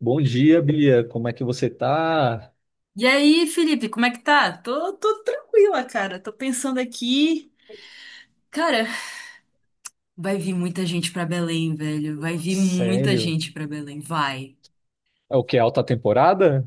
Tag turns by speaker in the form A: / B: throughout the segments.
A: Bom dia, Bia. Como é que você tá?
B: E aí, Felipe, como é que tá? Tô tranquila, cara. Tô pensando aqui. Cara, vai vir muita gente pra Belém, velho. Vai vir muita
A: Sério?
B: gente pra Belém. Vai.
A: É o que? Alta temporada?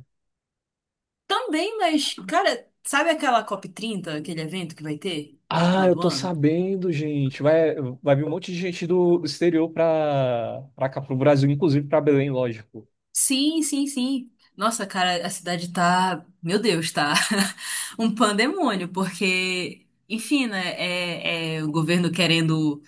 B: Também, mas, cara, sabe aquela COP30, aquele evento que vai ter no
A: Ah,
B: final
A: eu
B: do
A: tô
B: ano?
A: sabendo, gente. Vai, vai vir um monte de gente do exterior pra cá, pro Brasil, inclusive pra Belém, lógico.
B: Sim, sim, sim. Nossa, cara, a cidade tá. Meu Deus, tá. Um pandemônio, porque, enfim, né? É o governo querendo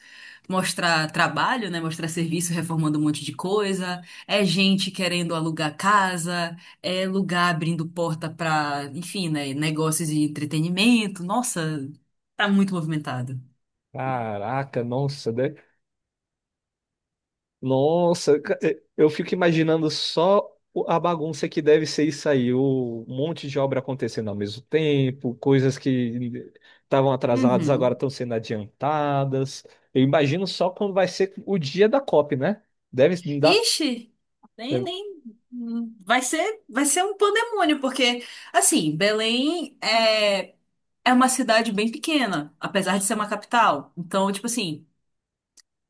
B: mostrar trabalho, né? Mostrar serviço reformando um monte de coisa, é gente querendo alugar casa, é lugar abrindo porta para, enfim, né? Negócios e entretenimento. Nossa, tá muito movimentado.
A: Caraca, nossa, nossa, eu fico imaginando só a bagunça que deve ser isso aí, o um monte de obra acontecendo ao mesmo tempo, coisas que estavam atrasadas agora
B: Uhum.
A: estão sendo adiantadas. Eu imagino só quando vai ser o dia da COP, né? Deve dar.
B: Ixi, nem,
A: deve-
B: nem vai ser um pandemônio, porque assim, Belém é uma cidade bem pequena, apesar de ser uma capital. Então, tipo assim,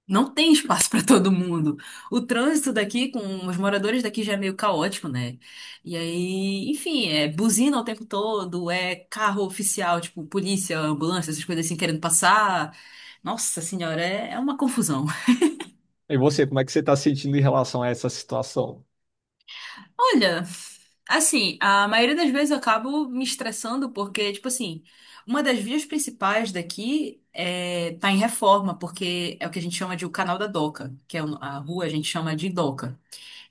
B: não tem espaço para todo mundo. O trânsito daqui, com os moradores daqui já é meio caótico, né? E aí, enfim, é buzina o tempo todo, é carro oficial, tipo polícia, ambulância, essas coisas assim querendo passar. Nossa senhora, é uma confusão.
A: E você, como é que você está sentindo em relação a essa situação?
B: Olha, assim, a maioria das vezes eu acabo me estressando porque, tipo assim, uma das vias principais daqui tá em reforma, porque é o que a gente chama de o canal da Doca, que a rua a gente chama de Doca.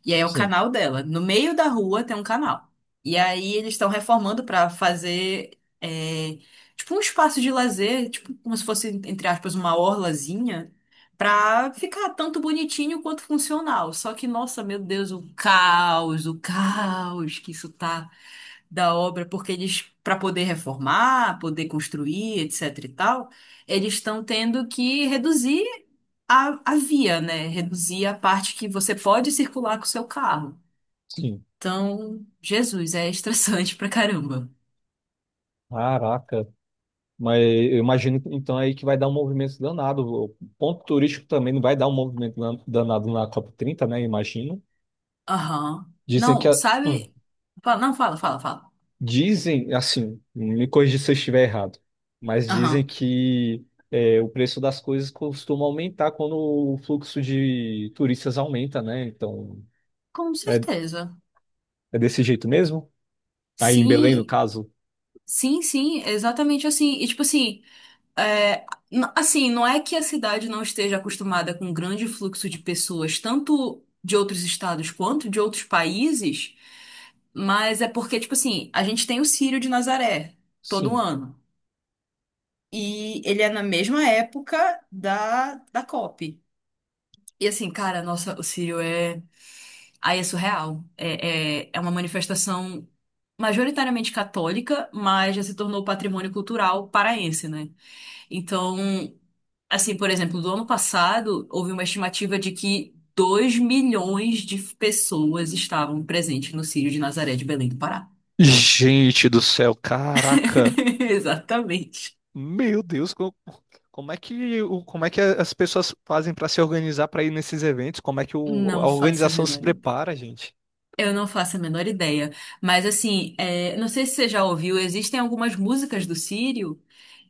B: E aí é o
A: Sim,
B: canal dela. No meio da rua tem um canal. E aí eles estão reformando pra fazer tipo um espaço de lazer, tipo como se fosse, entre aspas, uma orlazinha, pra ficar tanto bonitinho quanto funcional. Só que, nossa, meu Deus, o caos que isso tá da obra, porque eles, para poder reformar, poder construir, etc e tal, eles estão tendo que reduzir a via, né? Reduzir a parte que você pode circular com o seu carro.
A: sim.
B: Então, Jesus, é estressante pra caramba.
A: Caraca. Mas eu imagino então aí que vai dar um movimento danado. O ponto turístico também não vai dar um movimento danado na COP 30, né? Imagino.
B: Aham.
A: Dizem que
B: Não, sabe? Não, fala, fala, fala.
A: dizem assim, me corrija se eu estiver errado, mas dizem
B: Aham.
A: que é, o preço das coisas costuma aumentar quando o fluxo de turistas aumenta, né? Então
B: Com
A: é,
B: certeza.
A: é desse jeito mesmo? Aí em Belém, no
B: Sim,
A: caso?
B: sim, sim, exatamente assim. E tipo assim. É, assim, não é que a cidade não esteja acostumada com um grande fluxo de pessoas, tanto de outros estados quanto de outros países, mas é porque, tipo assim, a gente tem o Círio de Nazaré todo
A: Sim.
B: ano. E ele é na mesma época da COP. E assim, cara, nossa, o Círio é. Aí é surreal. É uma manifestação majoritariamente católica, mas já se tornou patrimônio cultural paraense, né? Então. Assim, por exemplo, do ano passado, houve uma estimativa de que 2 milhões de pessoas estavam presentes no Círio de Nazaré de Belém do Pará.
A: Gente do céu, caraca.
B: Exatamente.
A: Meu Deus, como, é que como é que as pessoas fazem para se organizar para ir nesses eventos? Como é que a
B: Não faço a
A: organização se
B: menor ideia.
A: prepara, gente?
B: Eu não faço a menor ideia. Mas, assim, não sei se você já ouviu, existem algumas músicas do Círio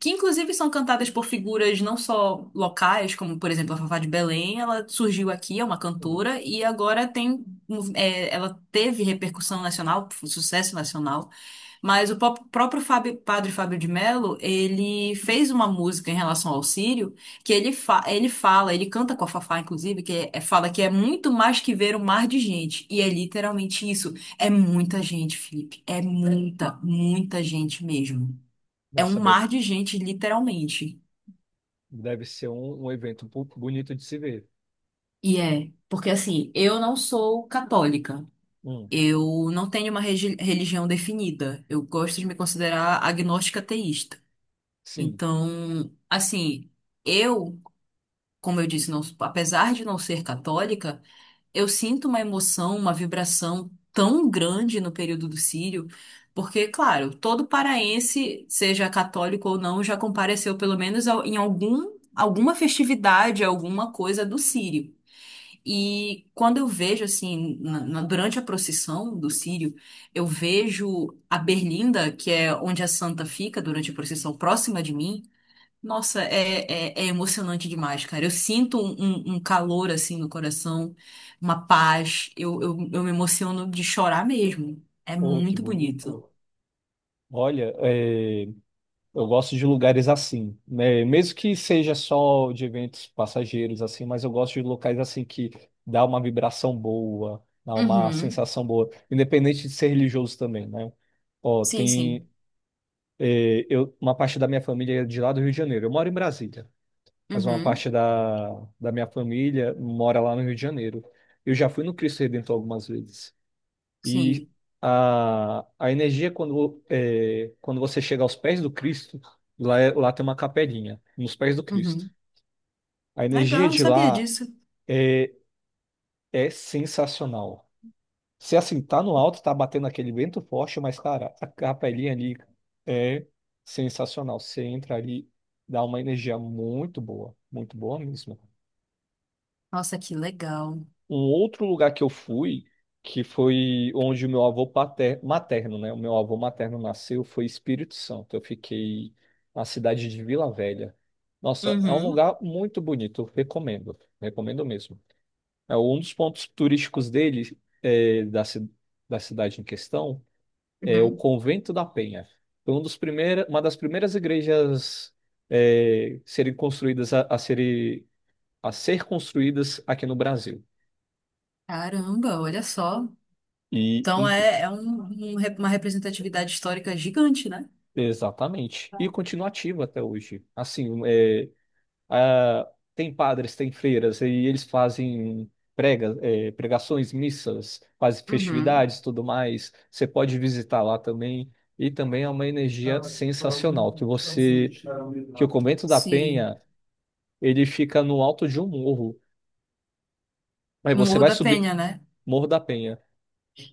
B: que, inclusive, são cantadas por figuras não só locais, como, por exemplo, a Fafá de Belém. Ela surgiu aqui, é uma
A: Hum.
B: cantora, e agora tem. Ela teve repercussão nacional, sucesso nacional. Mas próprio Padre Fábio de Mello, ele fez uma música em relação ao Sírio, que ele fala, ele canta com a Fafá, inclusive, que fala que é muito mais que ver um mar de gente. E é literalmente isso. É muita gente, Felipe. É muita, muita gente mesmo. É
A: Não
B: um
A: sabia.
B: mar de gente, literalmente.
A: Deve ser um, um evento bonito de se ver.
B: E é, porque assim, eu não sou católica.
A: Hum,
B: Eu não tenho uma religião definida. Eu gosto de me considerar agnóstica ateísta.
A: sim.
B: Então, assim, eu, como eu disse, apesar de não ser católica, eu sinto uma emoção, uma vibração tão grande no período do Círio, porque, claro, todo paraense, seja católico ou não, já compareceu pelo menos em alguma festividade, alguma coisa do Círio. E quando eu vejo, assim, durante a procissão do Círio, eu vejo a Berlinda, que é onde a santa fica durante a procissão, próxima de mim. Nossa, é emocionante demais, cara. Eu sinto um calor assim no coração, uma paz. Eu me emociono de chorar mesmo. É
A: Oh, que
B: muito bonito.
A: bonito. Olha, é, eu gosto de lugares assim, né? Mesmo que seja só de eventos passageiros assim, mas eu gosto de locais assim que dá uma vibração boa, dá uma
B: Uhum.
A: sensação boa, independente de ser religioso também, né? Ó,
B: Sim,
A: tem
B: sim.
A: é, eu, uma parte da minha família é de lá do Rio de Janeiro. Eu moro em Brasília, mas uma
B: Uhum.
A: parte da minha família mora lá no Rio de Janeiro. Eu já fui no Cristo Redentor algumas vezes. E
B: Sim.
A: a energia, quando, é, quando você chega aos pés do Cristo, lá, lá tem uma capelinha, nos pés do Cristo.
B: Uhum.
A: A energia
B: Legal, não
A: de
B: sabia
A: lá
B: disso.
A: é, é sensacional. Se assim, tá no alto, tá batendo aquele vento forte, mas, cara, a capelinha ali é sensacional. Você entra ali, dá uma energia muito boa mesmo.
B: Nossa, que legal.
A: Um outro lugar que eu fui, que foi onde o meu avô materno, né? O meu avô materno nasceu, foi Espírito Santo. Eu fiquei na cidade de Vila Velha. Nossa, é um
B: Uhum.
A: lugar muito bonito, eu recomendo, recomendo mesmo. É um dos pontos turísticos dele, é, da cidade em questão, é o
B: Uhum.
A: Convento da Penha. Foi um dos primeira, uma das primeiras igrejas, é, serem construídas a ser construídas aqui no Brasil.
B: Caramba, olha só.
A: E,
B: Então
A: in-
B: é uma representatividade histórica gigante, né?
A: Exatamente. E continua ativo até hoje. Assim, é, a- tem padres, tem freiras, e eles fazem pregações, missas, fazem
B: Uhum.
A: festividades, tudo mais. Você pode visitar lá também. E também é uma energia sensacional, que você, que o Convento da
B: Sim.
A: Penha, ele fica no alto de um morro. Aí
B: O
A: você
B: Morro
A: vai
B: da
A: subir
B: Penha, né?
A: Morro da Penha.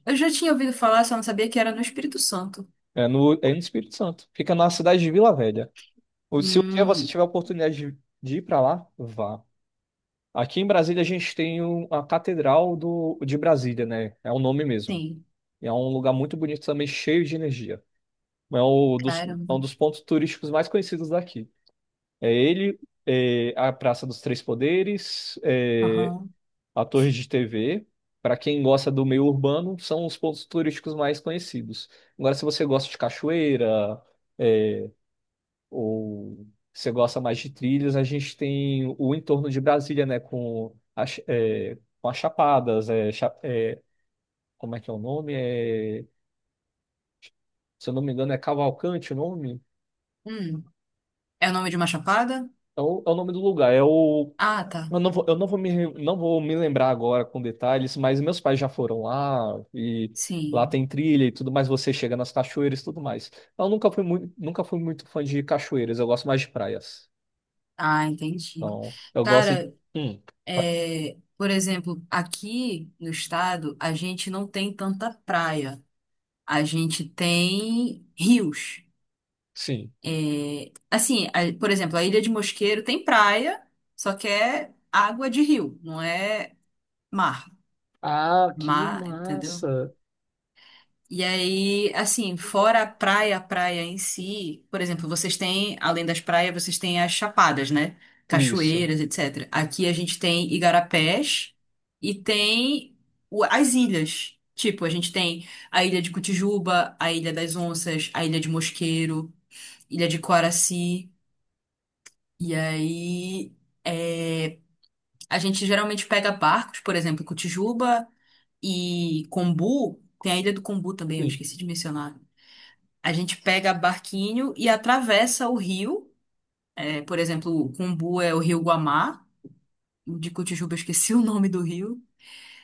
B: Eu já tinha ouvido falar, só não sabia que era no Espírito Santo.
A: É no Espírito Santo. Fica na cidade de Vila Velha. Ou se um dia você
B: Hum,
A: tiver a oportunidade de ir para lá, vá. Aqui em Brasília a gente tem a Catedral de Brasília, né? É o nome mesmo.
B: sim.
A: E é um lugar muito bonito também, cheio de energia. É
B: Caramba.
A: um dos pontos turísticos mais conhecidos daqui. É ele, é a Praça dos Três Poderes, é
B: Aham.
A: a Torre de TV. Para quem gosta do meio urbano, são os pontos turísticos mais conhecidos. Agora, se você gosta de cachoeira, é, ou você gosta mais de trilhas, a gente tem o entorno de Brasília, né? Com as chapadas, é, cha- é, como é que é o nome? É, se eu não me engano, é Cavalcante o nome?
B: Hum, É o nome de uma chapada?
A: É o nome do lugar. É o,
B: Ah, tá.
A: eu não vou me, não vou me lembrar agora com detalhes, mas meus pais já foram lá e lá
B: Sim.
A: tem trilha e tudo mais. Você chega nas cachoeiras e tudo mais. Eu nunca fui muito, nunca fui muito fã de cachoeiras, eu gosto mais de praias.
B: Ah, entendi.
A: Então, eu gosto de.
B: Cara,
A: Hum,
B: por exemplo, aqui no estado, a gente não tem tanta praia. A gente tem rios.
A: sim.
B: É, assim, por exemplo, a Ilha de Mosqueiro tem praia, só que é água de rio, não é mar.
A: Ah, que
B: Mar, entendeu?
A: massa.
B: E aí, assim, fora a praia em si, por exemplo, vocês têm, além das praias, vocês têm as chapadas, né?
A: Isso,
B: Cachoeiras, etc. Aqui a gente tem igarapés e tem as ilhas. Tipo, a gente tem a Ilha de Cotijuba, a Ilha das Onças, a Ilha de Mosqueiro, Ilha de Coraci. E aí, é, a gente geralmente pega barcos, por exemplo, Cotijuba e Combu. Tem a Ilha do Combu também, eu
A: sim.
B: esqueci de mencionar. A gente pega barquinho e atravessa o rio. É, por exemplo, o Cumbu é o rio Guamá. De Cotijuba, eu esqueci o nome do rio.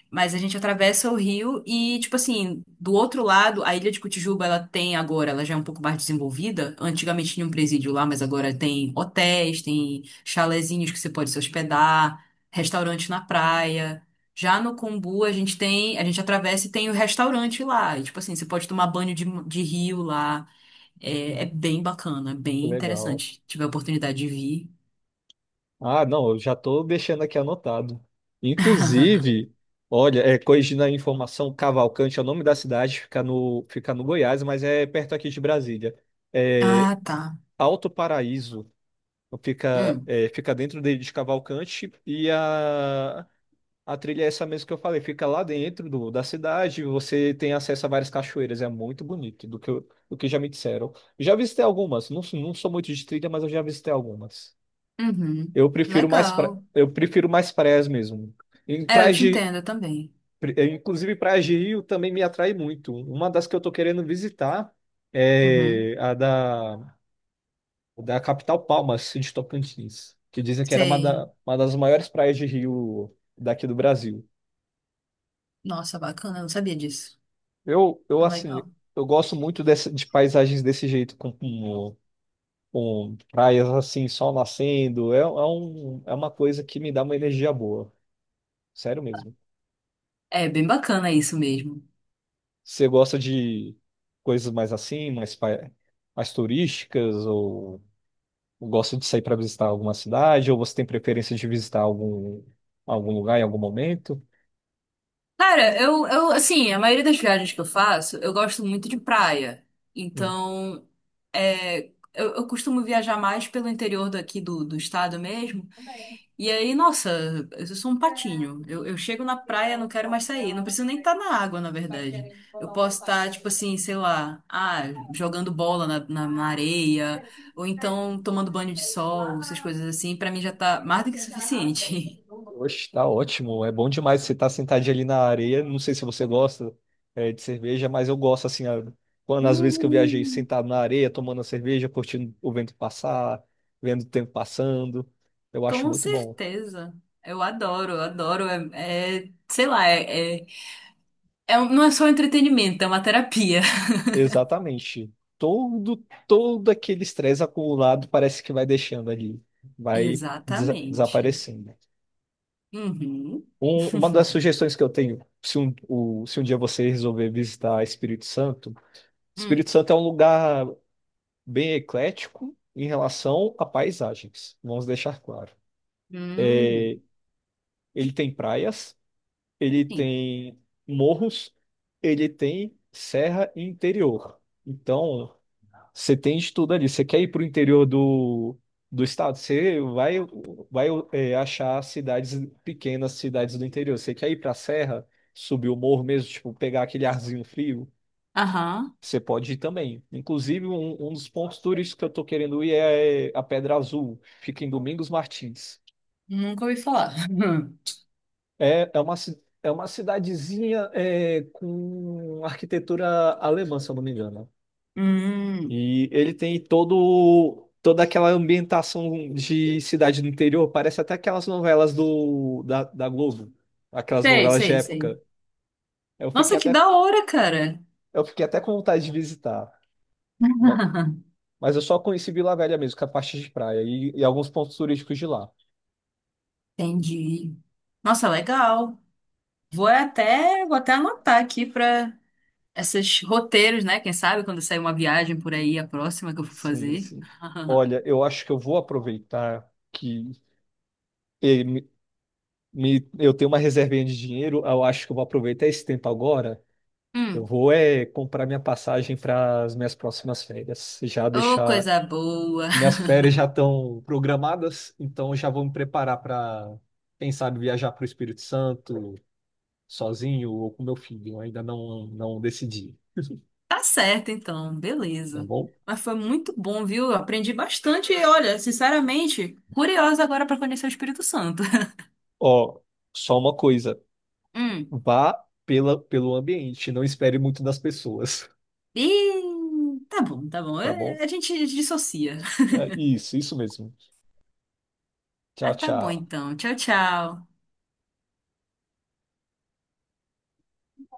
B: Mas a gente atravessa o rio e, tipo assim, do outro lado, a ilha de Cotijuba, ela tem agora, ela já é um pouco mais desenvolvida. Antigamente tinha um presídio lá, mas agora tem hotéis, tem chalezinhos que você pode se hospedar, restaurante na praia. Já no Cumbu, a gente tem, a gente atravessa e tem o restaurante lá. E, tipo assim, você pode tomar banho de rio lá. É bem bacana, é bem
A: Legal.
B: interessante. Tive a oportunidade de vir.
A: Ah, não, eu já estou deixando aqui anotado. Inclusive, olha, é, corrigindo a informação, Cavalcante é o nome da cidade, fica no Goiás, mas é perto aqui de Brasília. É
B: Ah, tá.
A: Alto Paraíso, fica,
B: Hum.
A: é, fica dentro de Cavalcante e a trilha é essa mesmo que eu falei, fica lá dentro da cidade, você tem acesso a várias cachoeiras, é muito bonito, do que, do que já me disseram. Já visitei algumas, não, não sou muito de trilha, mas eu já visitei algumas.
B: Uhum.
A: Eu prefiro mais, pra,
B: Legal.
A: eu prefiro mais praias mesmo. Em
B: É, eu
A: praias
B: te
A: de,
B: entendo eu também.
A: inclusive praias de Rio também me atrai muito. Uma das que eu tô querendo visitar
B: Uhum.
A: é a da, da capital Palmas, de Tocantins, que dizem que era uma,
B: Sei.
A: uma das maiores praias de Rio daqui do Brasil.
B: Nossa, bacana, eu não sabia disso.
A: Eu
B: É
A: assim,
B: legal.
A: eu gosto muito de paisagens desse jeito, com praias assim, sol nascendo. É, é um, é uma coisa que me dá uma energia boa. Sério mesmo.
B: É bem bacana isso mesmo.
A: Você gosta de coisas mais assim, mais, mais turísticas, ou gosta de sair para visitar alguma cidade, ou você tem preferência de visitar algum, algum lugar em algum momento?
B: Cara, eu, assim, a maioria das viagens que eu faço, eu gosto muito de praia.
A: Hum.
B: Então, é, eu costumo viajar mais pelo interior daqui do estado mesmo. E aí, nossa, eu sou um patinho. Eu chego na praia, não quero mais sair. Não preciso nem estar na água, na verdade. Eu posso estar, tipo assim, sei lá, jogando bola na areia, ou então tomando banho de sol, essas coisas assim. Pra mim já tá mais do que suficiente.
A: Oxe, tá ótimo. É bom demais você estar sentadinho ali na areia. Não sei se você gosta, eh, de cerveja, mas eu gosto assim. A- Quando às vezes que eu viajei
B: Hum.
A: sentado na areia, tomando a cerveja, curtindo o vento passar, vendo o tempo passando. Eu acho
B: Com
A: muito bom.
B: certeza. Eu adoro, eu adoro. Sei lá, não é só um entretenimento, é uma terapia.
A: Exatamente. Todo, todo aquele estresse acumulado parece que vai deixando ali, vai
B: Exatamente.
A: desaparecendo.
B: Uhum.
A: Uma das sugestões que eu tenho, se um, se um dia você resolver visitar Espírito Santo, Espírito
B: Hum.
A: Santo é um lugar bem eclético em relação a paisagens, vamos deixar claro.
B: Hum.
A: Ele tem praias, ele
B: Sim.
A: tem morros, ele tem serra e interior. Então, você tem de tudo ali. Você quer ir para o interior do estado? Você vai, vai é, achar cidades pequenas, cidades do interior. Você quer ir para a serra, subir o morro mesmo, tipo, pegar aquele arzinho frio?
B: Aham.
A: Você pode ir também. Inclusive, um dos pontos turísticos que eu estou querendo ir é a Pedra Azul. Fica em Domingos Martins.
B: Nunca ouvi falar.
A: É, é uma, é uma cidadezinha é, com arquitetura alemã, se eu não me engano.
B: Hum,
A: E ele tem todo, toda aquela ambientação de cidade do interior. Parece até aquelas novelas da Globo. Aquelas
B: sei,
A: novelas de
B: sei, sei.
A: época. Eu
B: Nossa,
A: fiquei
B: que
A: até,
B: da hora, cara.
A: eu fiquei até com vontade de visitar. Mas eu só conheci Vila Velha mesmo, que é a parte de praia e alguns pontos turísticos de lá.
B: Entendi. Nossa, legal. Vou até anotar aqui para esses roteiros, né? Quem sabe quando sair uma viagem por aí, a próxima que eu for
A: Sim,
B: fazer.
A: sim. Olha, eu acho que eu vou aproveitar que eh, me- eu tenho uma reservinha de dinheiro. Eu acho que eu vou aproveitar esse tempo agora. Eu
B: Hum,
A: vou é comprar minha passagem para as minhas próximas férias. Já
B: ô,
A: deixar
B: coisa boa.
A: que minhas férias já estão programadas, então eu já vou me preparar para, quem sabe, viajar para o Espírito Santo sozinho ou com meu filho. Eu ainda não decidi,
B: Tá certo, então,
A: tá
B: beleza.
A: bom?
B: Mas foi muito bom, viu? Eu aprendi bastante e, olha, sinceramente, curiosa agora para conhecer o Espírito Santo.
A: Ó, só uma coisa.
B: Hum.
A: Vá pela, pelo ambiente, não espere muito das pessoas,
B: Ih, tá bom, tá bom.
A: tá bom?
B: A gente dissocia.
A: É, isso mesmo.
B: Ah,
A: Tchau,
B: tá bom
A: tchau.
B: então. Tchau, tchau.